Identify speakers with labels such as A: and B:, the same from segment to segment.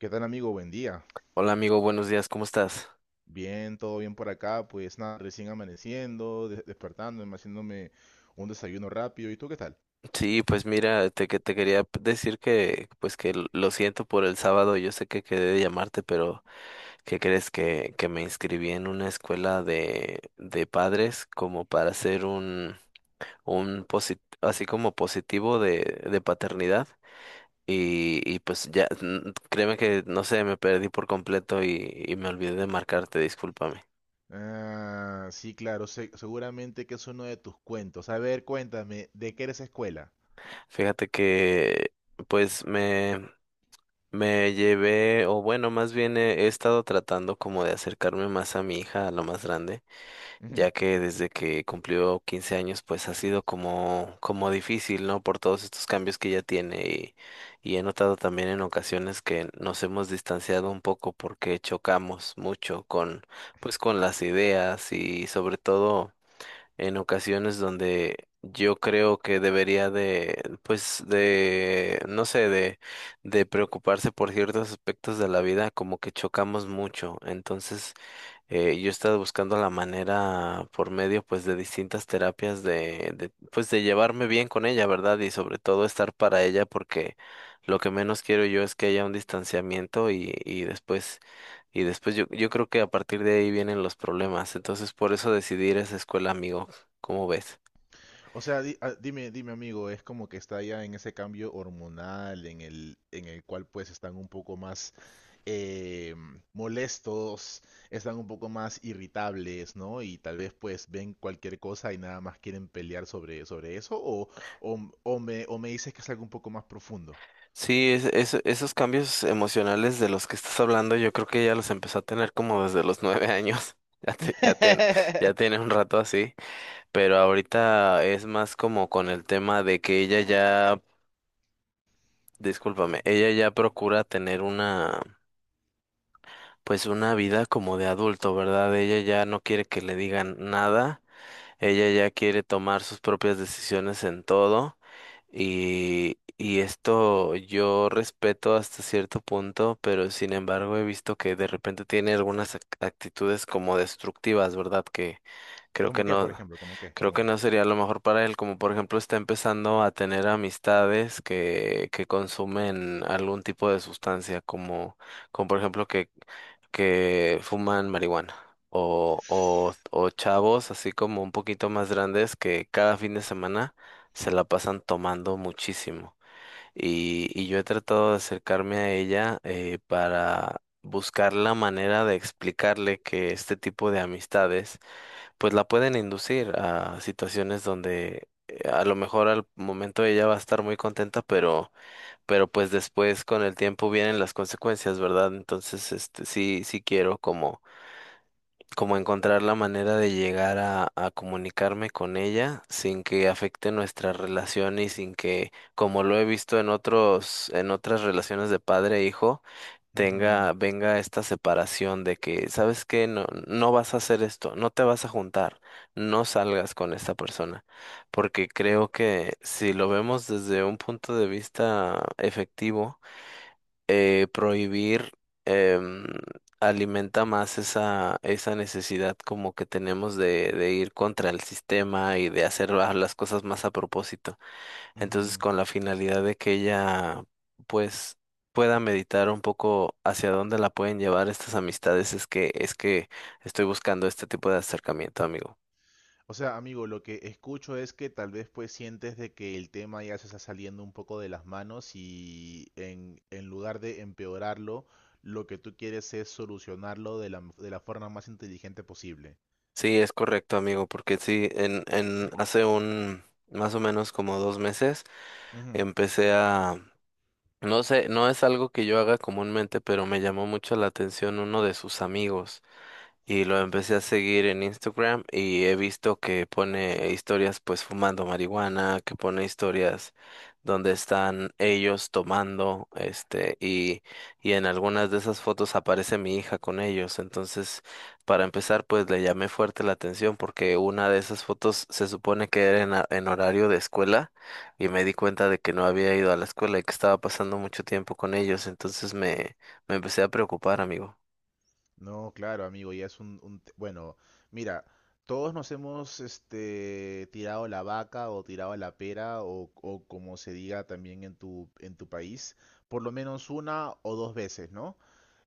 A: ¿Qué tal, amigo? Buen día.
B: Hola amigo, buenos días, ¿cómo estás?
A: Bien, todo bien por acá. Pues nada, recién amaneciendo, despertándome, haciéndome un desayuno rápido. ¿Y tú qué tal?
B: Sí, pues mira, que te quería decir que pues que lo siento por el sábado. Yo sé que quedé de llamarte, pero ¿qué crees que me inscribí en una escuela de padres como para hacer un así como positivo de paternidad? Y pues ya, créeme que no sé, me perdí por completo y me olvidé de marcarte, discúlpame.
A: Ah, sí, claro, seguramente que es uno de tus cuentos. A ver, cuéntame, ¿de qué eres escuela?
B: Fíjate que pues Me llevé, o bueno, más bien he estado tratando como de acercarme más a mi hija, a lo más grande,
A: Ujú.
B: ya que desde que cumplió 15 años, pues ha sido como difícil, ¿no? Por todos estos cambios que ella tiene, y he notado también en ocasiones que nos hemos distanciado un poco porque chocamos mucho pues con las ideas, y sobre todo en ocasiones donde yo creo que debería de, pues, no sé, de preocuparse por ciertos aspectos de la vida, como que chocamos mucho. Entonces, yo he estado buscando la manera por medio, pues, de distintas terapias de, pues, de llevarme bien con ella, ¿verdad? Y sobre todo estar para ella, porque lo que menos quiero yo es que haya un distanciamiento, y después yo, creo que a partir de ahí vienen los problemas. Entonces por eso decidí ir a esa escuela, amigo. ¿Cómo ves?
A: O sea, dime, amigo, es como que está ya en ese cambio hormonal en el cual pues están un poco más eh, molestos, están un poco más irritables, ¿no? Y tal vez pues ven cualquier cosa y nada más quieren pelear sobre eso, o me dices que es algo un poco más profundo.
B: Sí, esos cambios emocionales de los que estás hablando, yo creo que ya los empezó a tener como desde los 9 años. Ya, te- ya, tiene, ya tiene un rato así. Pero ahorita es más como con el tema de que discúlpame, ella ya procura tener pues una vida como de adulto, ¿verdad? Ella ya no quiere que le digan nada. Ella ya quiere tomar sus propias decisiones en todo, y esto yo respeto hasta cierto punto, pero sin embargo he visto que de repente tiene algunas actitudes como destructivas, ¿verdad? Que creo que
A: ¿Cómo qué, por
B: no,
A: ejemplo? ¿Cómo qué?
B: creo
A: ¿Cómo
B: que
A: qué?
B: no sería lo mejor para él, como por ejemplo está empezando a tener amistades que consumen algún tipo de sustancia, como por ejemplo que fuman marihuana, o chavos así como un poquito más grandes que cada fin de semana se la pasan tomando muchísimo. Y yo he tratado de acercarme a ella, para buscar la manera de explicarle que este tipo de amistades pues la pueden inducir a situaciones donde, a lo mejor al momento ella va a estar muy contenta, pero, pues después con el tiempo vienen las consecuencias, ¿verdad? Entonces, este, sí, sí quiero como encontrar la manera de llegar a comunicarme con ella sin que afecte nuestra relación, y sin que, como lo he visto en otros, en otras relaciones de padre e hijo,
A: Ujú,
B: venga esta separación de que, ¿sabes qué? No, no vas a hacer esto, no te vas a juntar, no salgas con esta persona. Porque creo que si lo vemos desde un punto de vista efectivo, prohibir em, alimenta más esa necesidad como que tenemos de ir contra el sistema y de hacer las cosas más a propósito. Entonces,
A: ujú.
B: con la finalidad de que ella pues pueda meditar un poco hacia dónde la pueden llevar estas amistades, es que estoy buscando este tipo de acercamiento, amigo.
A: O sea, amigo, lo que escucho es que tal vez pues sientes de que el tema ya se está saliendo un poco de las manos y en lugar de empeorarlo, lo que tú quieres es solucionarlo de la forma más inteligente posible.
B: Sí, es correcto, amigo, porque sí, en hace un más o menos como 2 meses
A: Ujú.
B: empecé a. No sé, no es algo que yo haga comúnmente, pero me llamó mucho la atención uno de sus amigos. Y lo empecé a seguir en Instagram y he visto que pone historias pues fumando marihuana, que pone historias donde están ellos tomando, este, y en algunas de esas fotos aparece mi hija con ellos. Entonces, para empezar, pues le llamé fuerte la atención porque una de esas fotos se supone que era en, en horario de escuela, y me di cuenta de que no había ido a la escuela y que estaba pasando mucho tiempo con ellos. Entonces me empecé a preocupar, amigo.
A: No, claro, amigo, ya es un te- Bueno, mira, todos nos hemos tirado la vaca o tirado la pera o como se diga también en tu país, por lo menos una o dos veces, ¿no?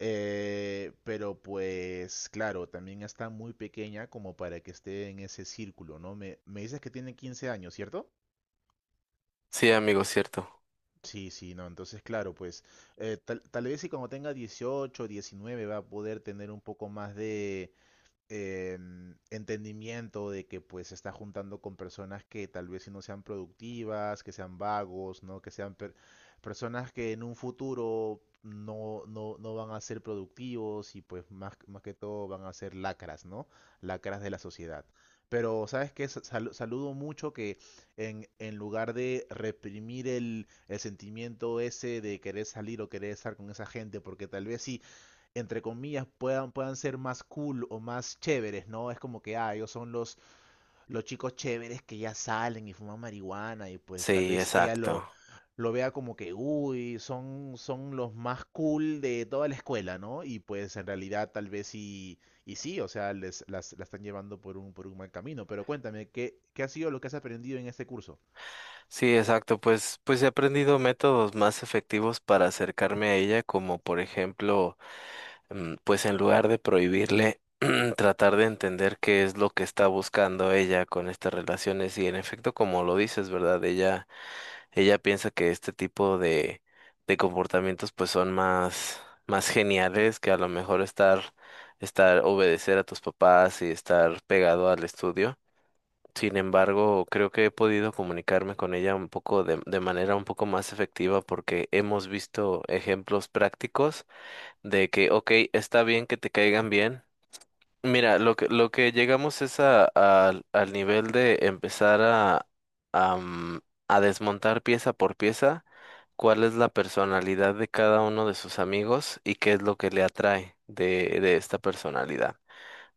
A: Pero pues, claro, también está muy pequeña como para que esté en ese círculo, ¿no? Me dices que tiene 15 años, ¿cierto?
B: Sí, amigo, cierto.
A: Sí, sí, no, entonces claro, pues tal vez si cuando tenga 18, 19 va a poder tener un poco más de eh, entendimiento de que pues se está juntando con personas que tal vez si no sean productivas, que sean vagos, ¿no? Que sean personas que en un futuro no van a ser productivos y pues más que todo van a ser lacras, ¿no? Lacras de la sociedad. Pero, ¿sabes qué? Saludo mucho que en lugar de reprimir el sentimiento ese de querer salir o querer estar con esa gente, porque tal vez sí, entre comillas, puedan ser más cool o más chéveres, ¿no? Es como que, ah, ellos son los chicos chéveres que ya salen y fuman marihuana y pues tal
B: Sí,
A: vez ella lo,
B: exacto.
A: lo vea como que, uy, son los más cool de toda la escuela, ¿no? Y pues en realidad tal vez sí, y sí, o sea, la están llevando por un mal camino. Pero cuéntame, ¿qué ha sido lo que has aprendido en este curso?
B: Sí, exacto. Pues, he aprendido métodos más efectivos para acercarme a ella, como por ejemplo, pues en lugar de prohibirle, tratar de entender qué es lo que está buscando ella con estas relaciones. Y en efecto, como lo dices, ¿verdad? Ella piensa que este tipo de comportamientos pues son más, más geniales que a lo mejor estar, obedecer a tus papás y estar pegado al estudio. Sin embargo, creo que he podido comunicarme con ella un poco de manera un poco más efectiva porque hemos visto ejemplos prácticos de que, ok, está bien que te caigan bien. Mira, lo que llegamos es a, al al nivel de empezar a, mm, a desmontar pieza por pieza cuál es la personalidad de cada uno de sus amigos y qué es lo que le atrae de esta personalidad.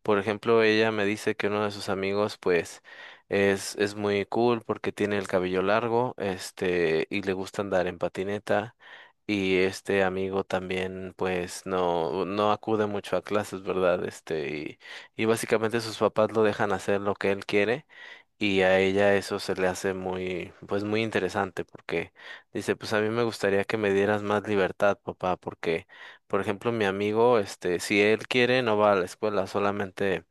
B: Por ejemplo, ella me dice que uno de sus amigos, pues, es muy cool porque tiene el cabello largo, este, y le gusta andar en patineta. Y este amigo también, pues, no acude mucho a clases, ¿verdad? Este, y, básicamente sus papás lo dejan hacer lo que él quiere. Y a ella eso se le hace muy, pues muy interesante, porque dice, pues a mí me gustaría que me dieras más libertad, papá, porque por ejemplo, mi amigo, este, si él quiere, no va a la escuela, solamente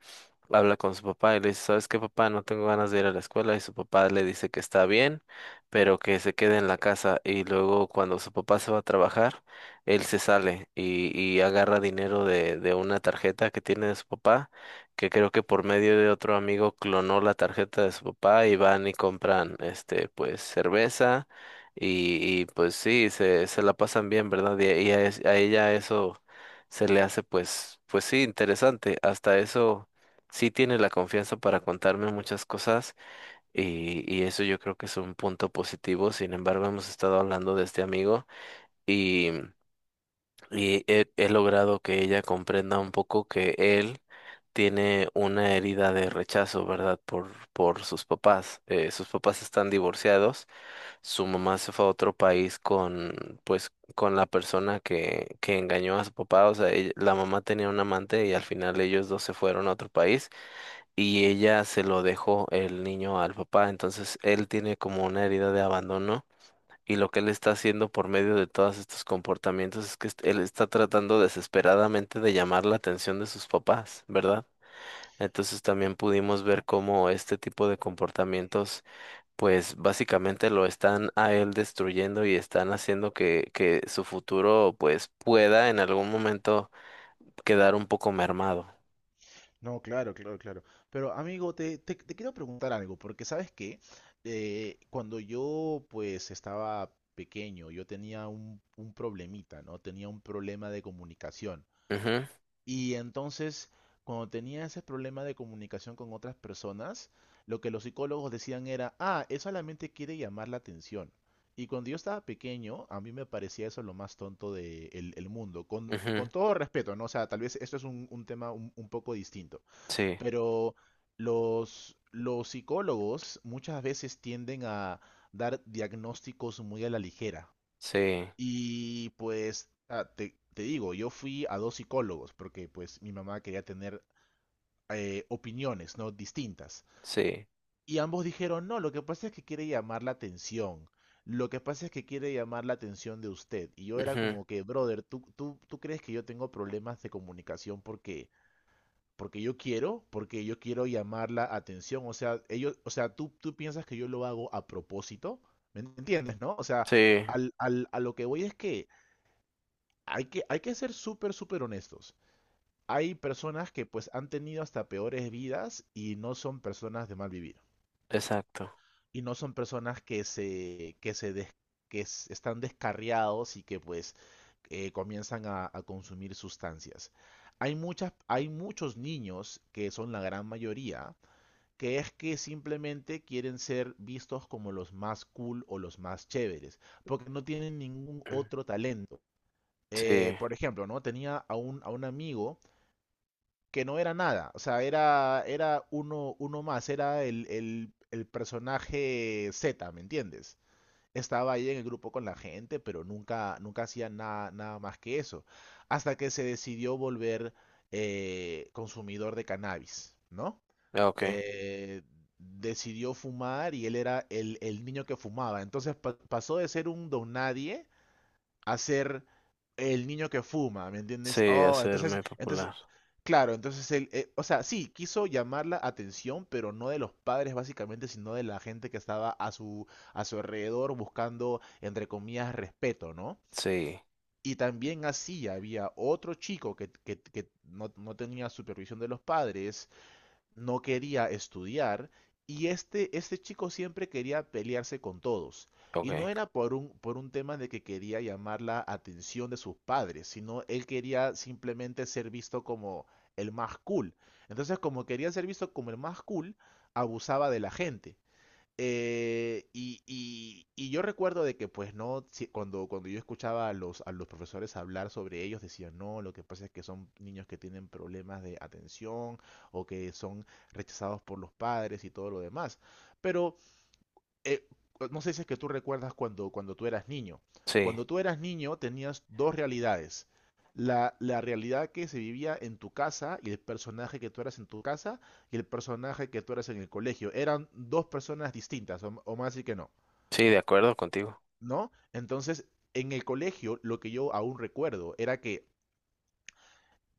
B: habla con su papá y le dice, ¿sabes qué, papá? No tengo ganas de ir a la escuela. Y su papá le dice que está bien, pero que se quede en la casa. Y luego cuando su papá se va a trabajar, él se sale y agarra dinero de una tarjeta que tiene de su papá, que creo que por medio de otro amigo clonó la tarjeta de su papá, y van y compran, este, pues, cerveza. Y y pues sí, se la pasan bien, ¿verdad? Y y a a ella eso se le hace pues, sí, interesante. Hasta eso sí tiene la confianza para contarme muchas cosas, y eso yo creo que es un punto positivo. Sin embargo, hemos estado hablando de este amigo, y, y he logrado que ella comprenda un poco que él tiene una herida de rechazo, ¿verdad? Por sus papás. Sus papás están divorciados, su mamá se fue a otro país con, pues, con la persona que engañó a su papá. O sea, ella- la mamá tenía un amante y al final ellos dos se fueron a otro país y ella se lo dejó el niño al papá. Entonces él tiene como una herida de abandono, y lo que él está haciendo por medio de todos estos comportamientos es que él está tratando desesperadamente de llamar la atención de sus papás, ¿verdad? Entonces también pudimos ver cómo este tipo de comportamientos pues básicamente lo están a él destruyendo, y están haciendo que su futuro pues pueda en algún momento quedar un poco mermado.
A: No, claro, claro, claro. Pero amigo, te quiero preguntar algo, porque sabes que cuando yo pues estaba pequeño, yo tenía un problemita, ¿no? Tenía un problema de comunicación.
B: Ujú,
A: Y entonces, cuando tenía ese problema de comunicación con otras personas, lo que los psicólogos decían era, ah, él solamente quiere llamar la atención. Y cuando yo estaba pequeño, a mí me parecía eso lo más tonto del mundo, con,
B: ujú,
A: con todo respeto, ¿no? O sea, tal vez esto es un tema un poco distinto.
B: sí,
A: Pero los psicólogos muchas veces tienden a dar diagnósticos muy a la ligera.
B: sí.
A: Y pues te digo, yo fui a dos psicólogos porque pues mi mamá quería tener opiniones, ¿no? Distintas.
B: Sí.
A: Y ambos dijeron, no, lo que pasa es que quiere llamar la atención. Lo que pasa es que quiere llamar la atención de usted. Y yo era
B: Ujú.
A: como que, brother, ¿tú crees que yo tengo problemas de comunicación porque yo quiero llamar la atención. O sea, o sea, tú piensas que yo lo hago a propósito. ¿Me entiendes, no? O sea,
B: Sí,
A: a lo que voy es que hay que ser súper, súper honestos. Hay personas que pues han tenido hasta peores vidas y no son personas de mal vivir.
B: exacto.
A: Y no son personas que se des- que s- están descarriados y que pues comienzan a consumir sustancias. Hay muchos niños que son la gran mayoría que es que simplemente quieren ser vistos como los más cool o los más chéveres, porque no tienen ningún
B: Mm,
A: otro talento.
B: sí,
A: Por ejemplo, ¿no? Tenía a un amigo que no era nada, o sea, era uno más, era el personaje Z, ¿me entiendes? Estaba ahí en el grupo con la gente, pero nunca, nunca hacía nada, nada más que eso, hasta que se decidió volver consumidor de cannabis, ¿no?
B: ah, ok.
A: eh, Decidió fumar y él era el niño que fumaba. Entonces pasó de ser un don nadie a ser el niño que fuma, ¿me entiendes?
B: Sí,
A: Oh, entonces,
B: hacerme
A: entonces,
B: popular.
A: claro, entonces él, o sea, sí, quiso llamar la atención, pero no de los padres básicamente, sino de la gente que estaba a su alrededor buscando, entre comillas, respeto, ¿no?
B: Sí,
A: Y también así había otro chico que no tenía supervisión de los padres, no quería estudiar y este chico siempre quería pelearse con todos. Y
B: ok.
A: no era por un tema de que quería llamar la atención de sus padres, sino él quería simplemente ser visto como el más cool. Entonces, como quería ser visto como el más cool, abusaba de la gente. Y yo recuerdo de que, pues, no, cuando yo escuchaba a los profesores hablar sobre ellos, decían, no, lo que pasa es que son niños que tienen problemas de atención o que son rechazados por los padres y todo lo demás. Pero eh, no sé si es que tú recuerdas cuando tú eras niño.
B: Sí,
A: Cuando tú eras niño tenías dos realidades. La realidad que se vivía en tu casa y el personaje que tú eras en tu casa y el personaje que tú eras en el colegio. Eran dos personas distintas, o más y que no,
B: sí, de acuerdo contigo.
A: ¿no? Entonces, en el colegio, lo que yo aún recuerdo era que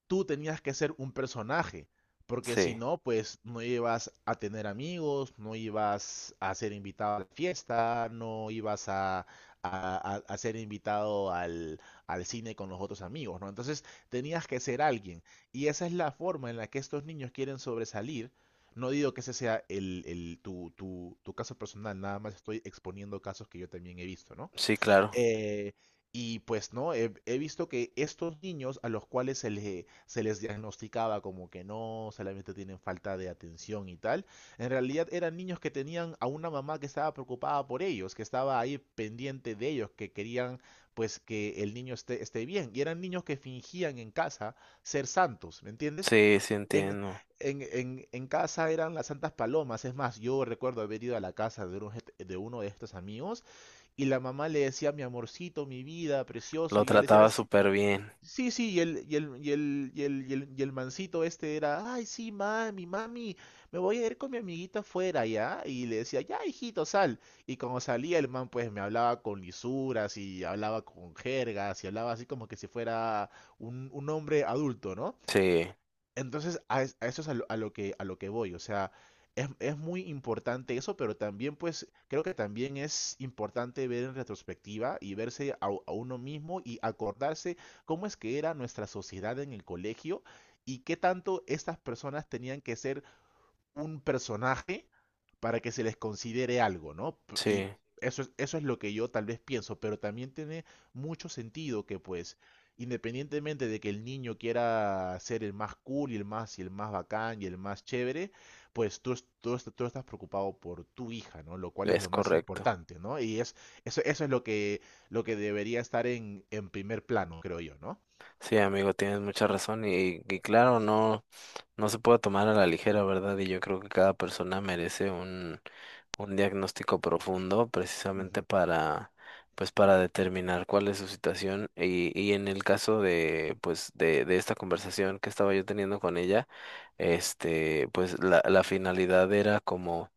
A: tú tenías que ser un personaje, porque si
B: Sí,
A: no, pues no ibas a tener amigos, no ibas a ser invitado a la fiesta, no ibas a ser invitado al cine con los otros amigos, ¿no? Entonces tenías que ser alguien. Y esa es la forma en la que estos niños quieren sobresalir. No digo que ese sea tu caso personal, nada más estoy exponiendo casos que yo también he visto, ¿no?
B: sí, claro.
A: Eh, y pues no, he visto que estos niños a los cuales se les diagnosticaba como que no, solamente tienen falta de atención y tal, en realidad eran niños que tenían a una mamá que estaba preocupada por ellos, que estaba ahí pendiente de ellos, que querían pues que el niño esté bien. Y eran niños que fingían en casa ser santos, ¿me entiendes?
B: Sí, sí
A: En,
B: entiendo.
A: en casa eran las santas palomas. Es más, yo recuerdo haber ido a la casa de uno de estos amigos y la mamá le decía, mi amorcito, mi vida, precioso.
B: Lo
A: Y él decía, "Ah,
B: trataba
A: sí,
B: súper bien.
A: sí, sí", Y el, y el, y el, y el, y el, y el mancito este era, ay, sí, mami, mami, me voy a ir con mi amiguita afuera, ¿ya? Y le decía, ya, hijito, sal. Y cuando salía el man, pues me hablaba con lisuras y hablaba con jergas y hablaba así como que si fuera un hombre adulto, ¿no?
B: Sí,
A: Entonces, a eso es a lo que voy. O sea, es muy importante eso, pero también, pues, creo que también es importante ver en retrospectiva y verse a uno mismo y acordarse cómo es que era nuestra sociedad en el colegio y qué tanto estas personas tenían que ser un personaje para que se les considere algo, ¿no? Y
B: sí,
A: eso es lo que yo tal vez pienso, pero también tiene mucho sentido que pues, independientemente de que el niño quiera ser el más cool y el más bacán y el más chévere, pues tú estás preocupado por tu hija, ¿no? Lo cual es
B: es
A: lo más
B: correcto.
A: importante, ¿no? Eso es lo que debería estar en primer plano, creo yo, ¿no?
B: Sí, amigo, tienes mucha razón, y claro, no, no se puede tomar a la ligera, ¿verdad? Y yo creo que cada persona merece un diagnóstico profundo precisamente
A: Ujú,
B: para pues para determinar cuál es su situación. Y en el caso de pues de esta conversación que estaba yo teniendo con ella, este pues la finalidad era como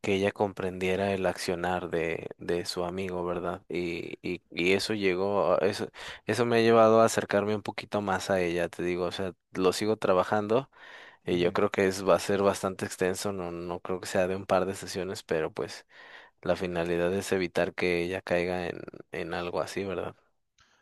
B: que ella comprendiera el accionar de su amigo, ¿verdad? Y eso llegó, eso me ha llevado a acercarme un poquito más a ella, te digo, o sea, lo sigo trabajando, y yo
A: ujú.
B: creo que es, va a ser bastante extenso, no, no creo que sea de un par de sesiones, pero pues la finalidad es evitar que ella caiga en algo así, ¿verdad?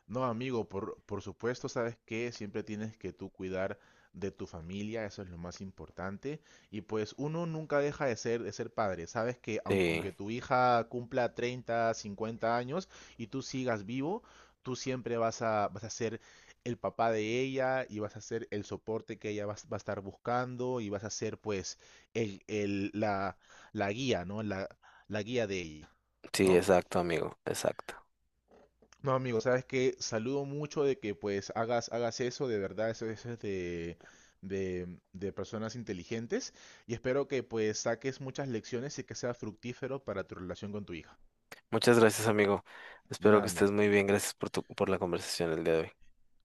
A: No, amigo, por supuesto, sabes que siempre tienes que tú cuidar de tu familia, eso es lo más importante. Y pues uno nunca deja de ser padre. Sabes que
B: Sí,
A: aunque tu hija cumpla 30, 50 años y tú sigas vivo, tú siempre vas a ser el papá de ella y vas a ser el soporte que ella va a estar buscando y vas a ser pues el, el- la, la guía, ¿no? La guía de ella,
B: sí,
A: ¿no?
B: exacto, amigo, exacto.
A: No, amigo, sabes que saludo mucho de que pues hagas eso, de verdad, eso es de, de personas inteligentes y espero que pues saques muchas lecciones y que sea fructífero para tu relación con tu hija.
B: Muchas gracias, amigo.
A: De
B: Espero
A: nada,
B: que estés
A: amigo.
B: muy bien. Gracias por tu, por la conversación el día de hoy.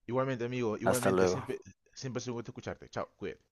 A: Igualmente, amigo,
B: Hasta
A: igualmente,
B: luego.
A: siempre es un gusto escucharte. Chao, cuídate.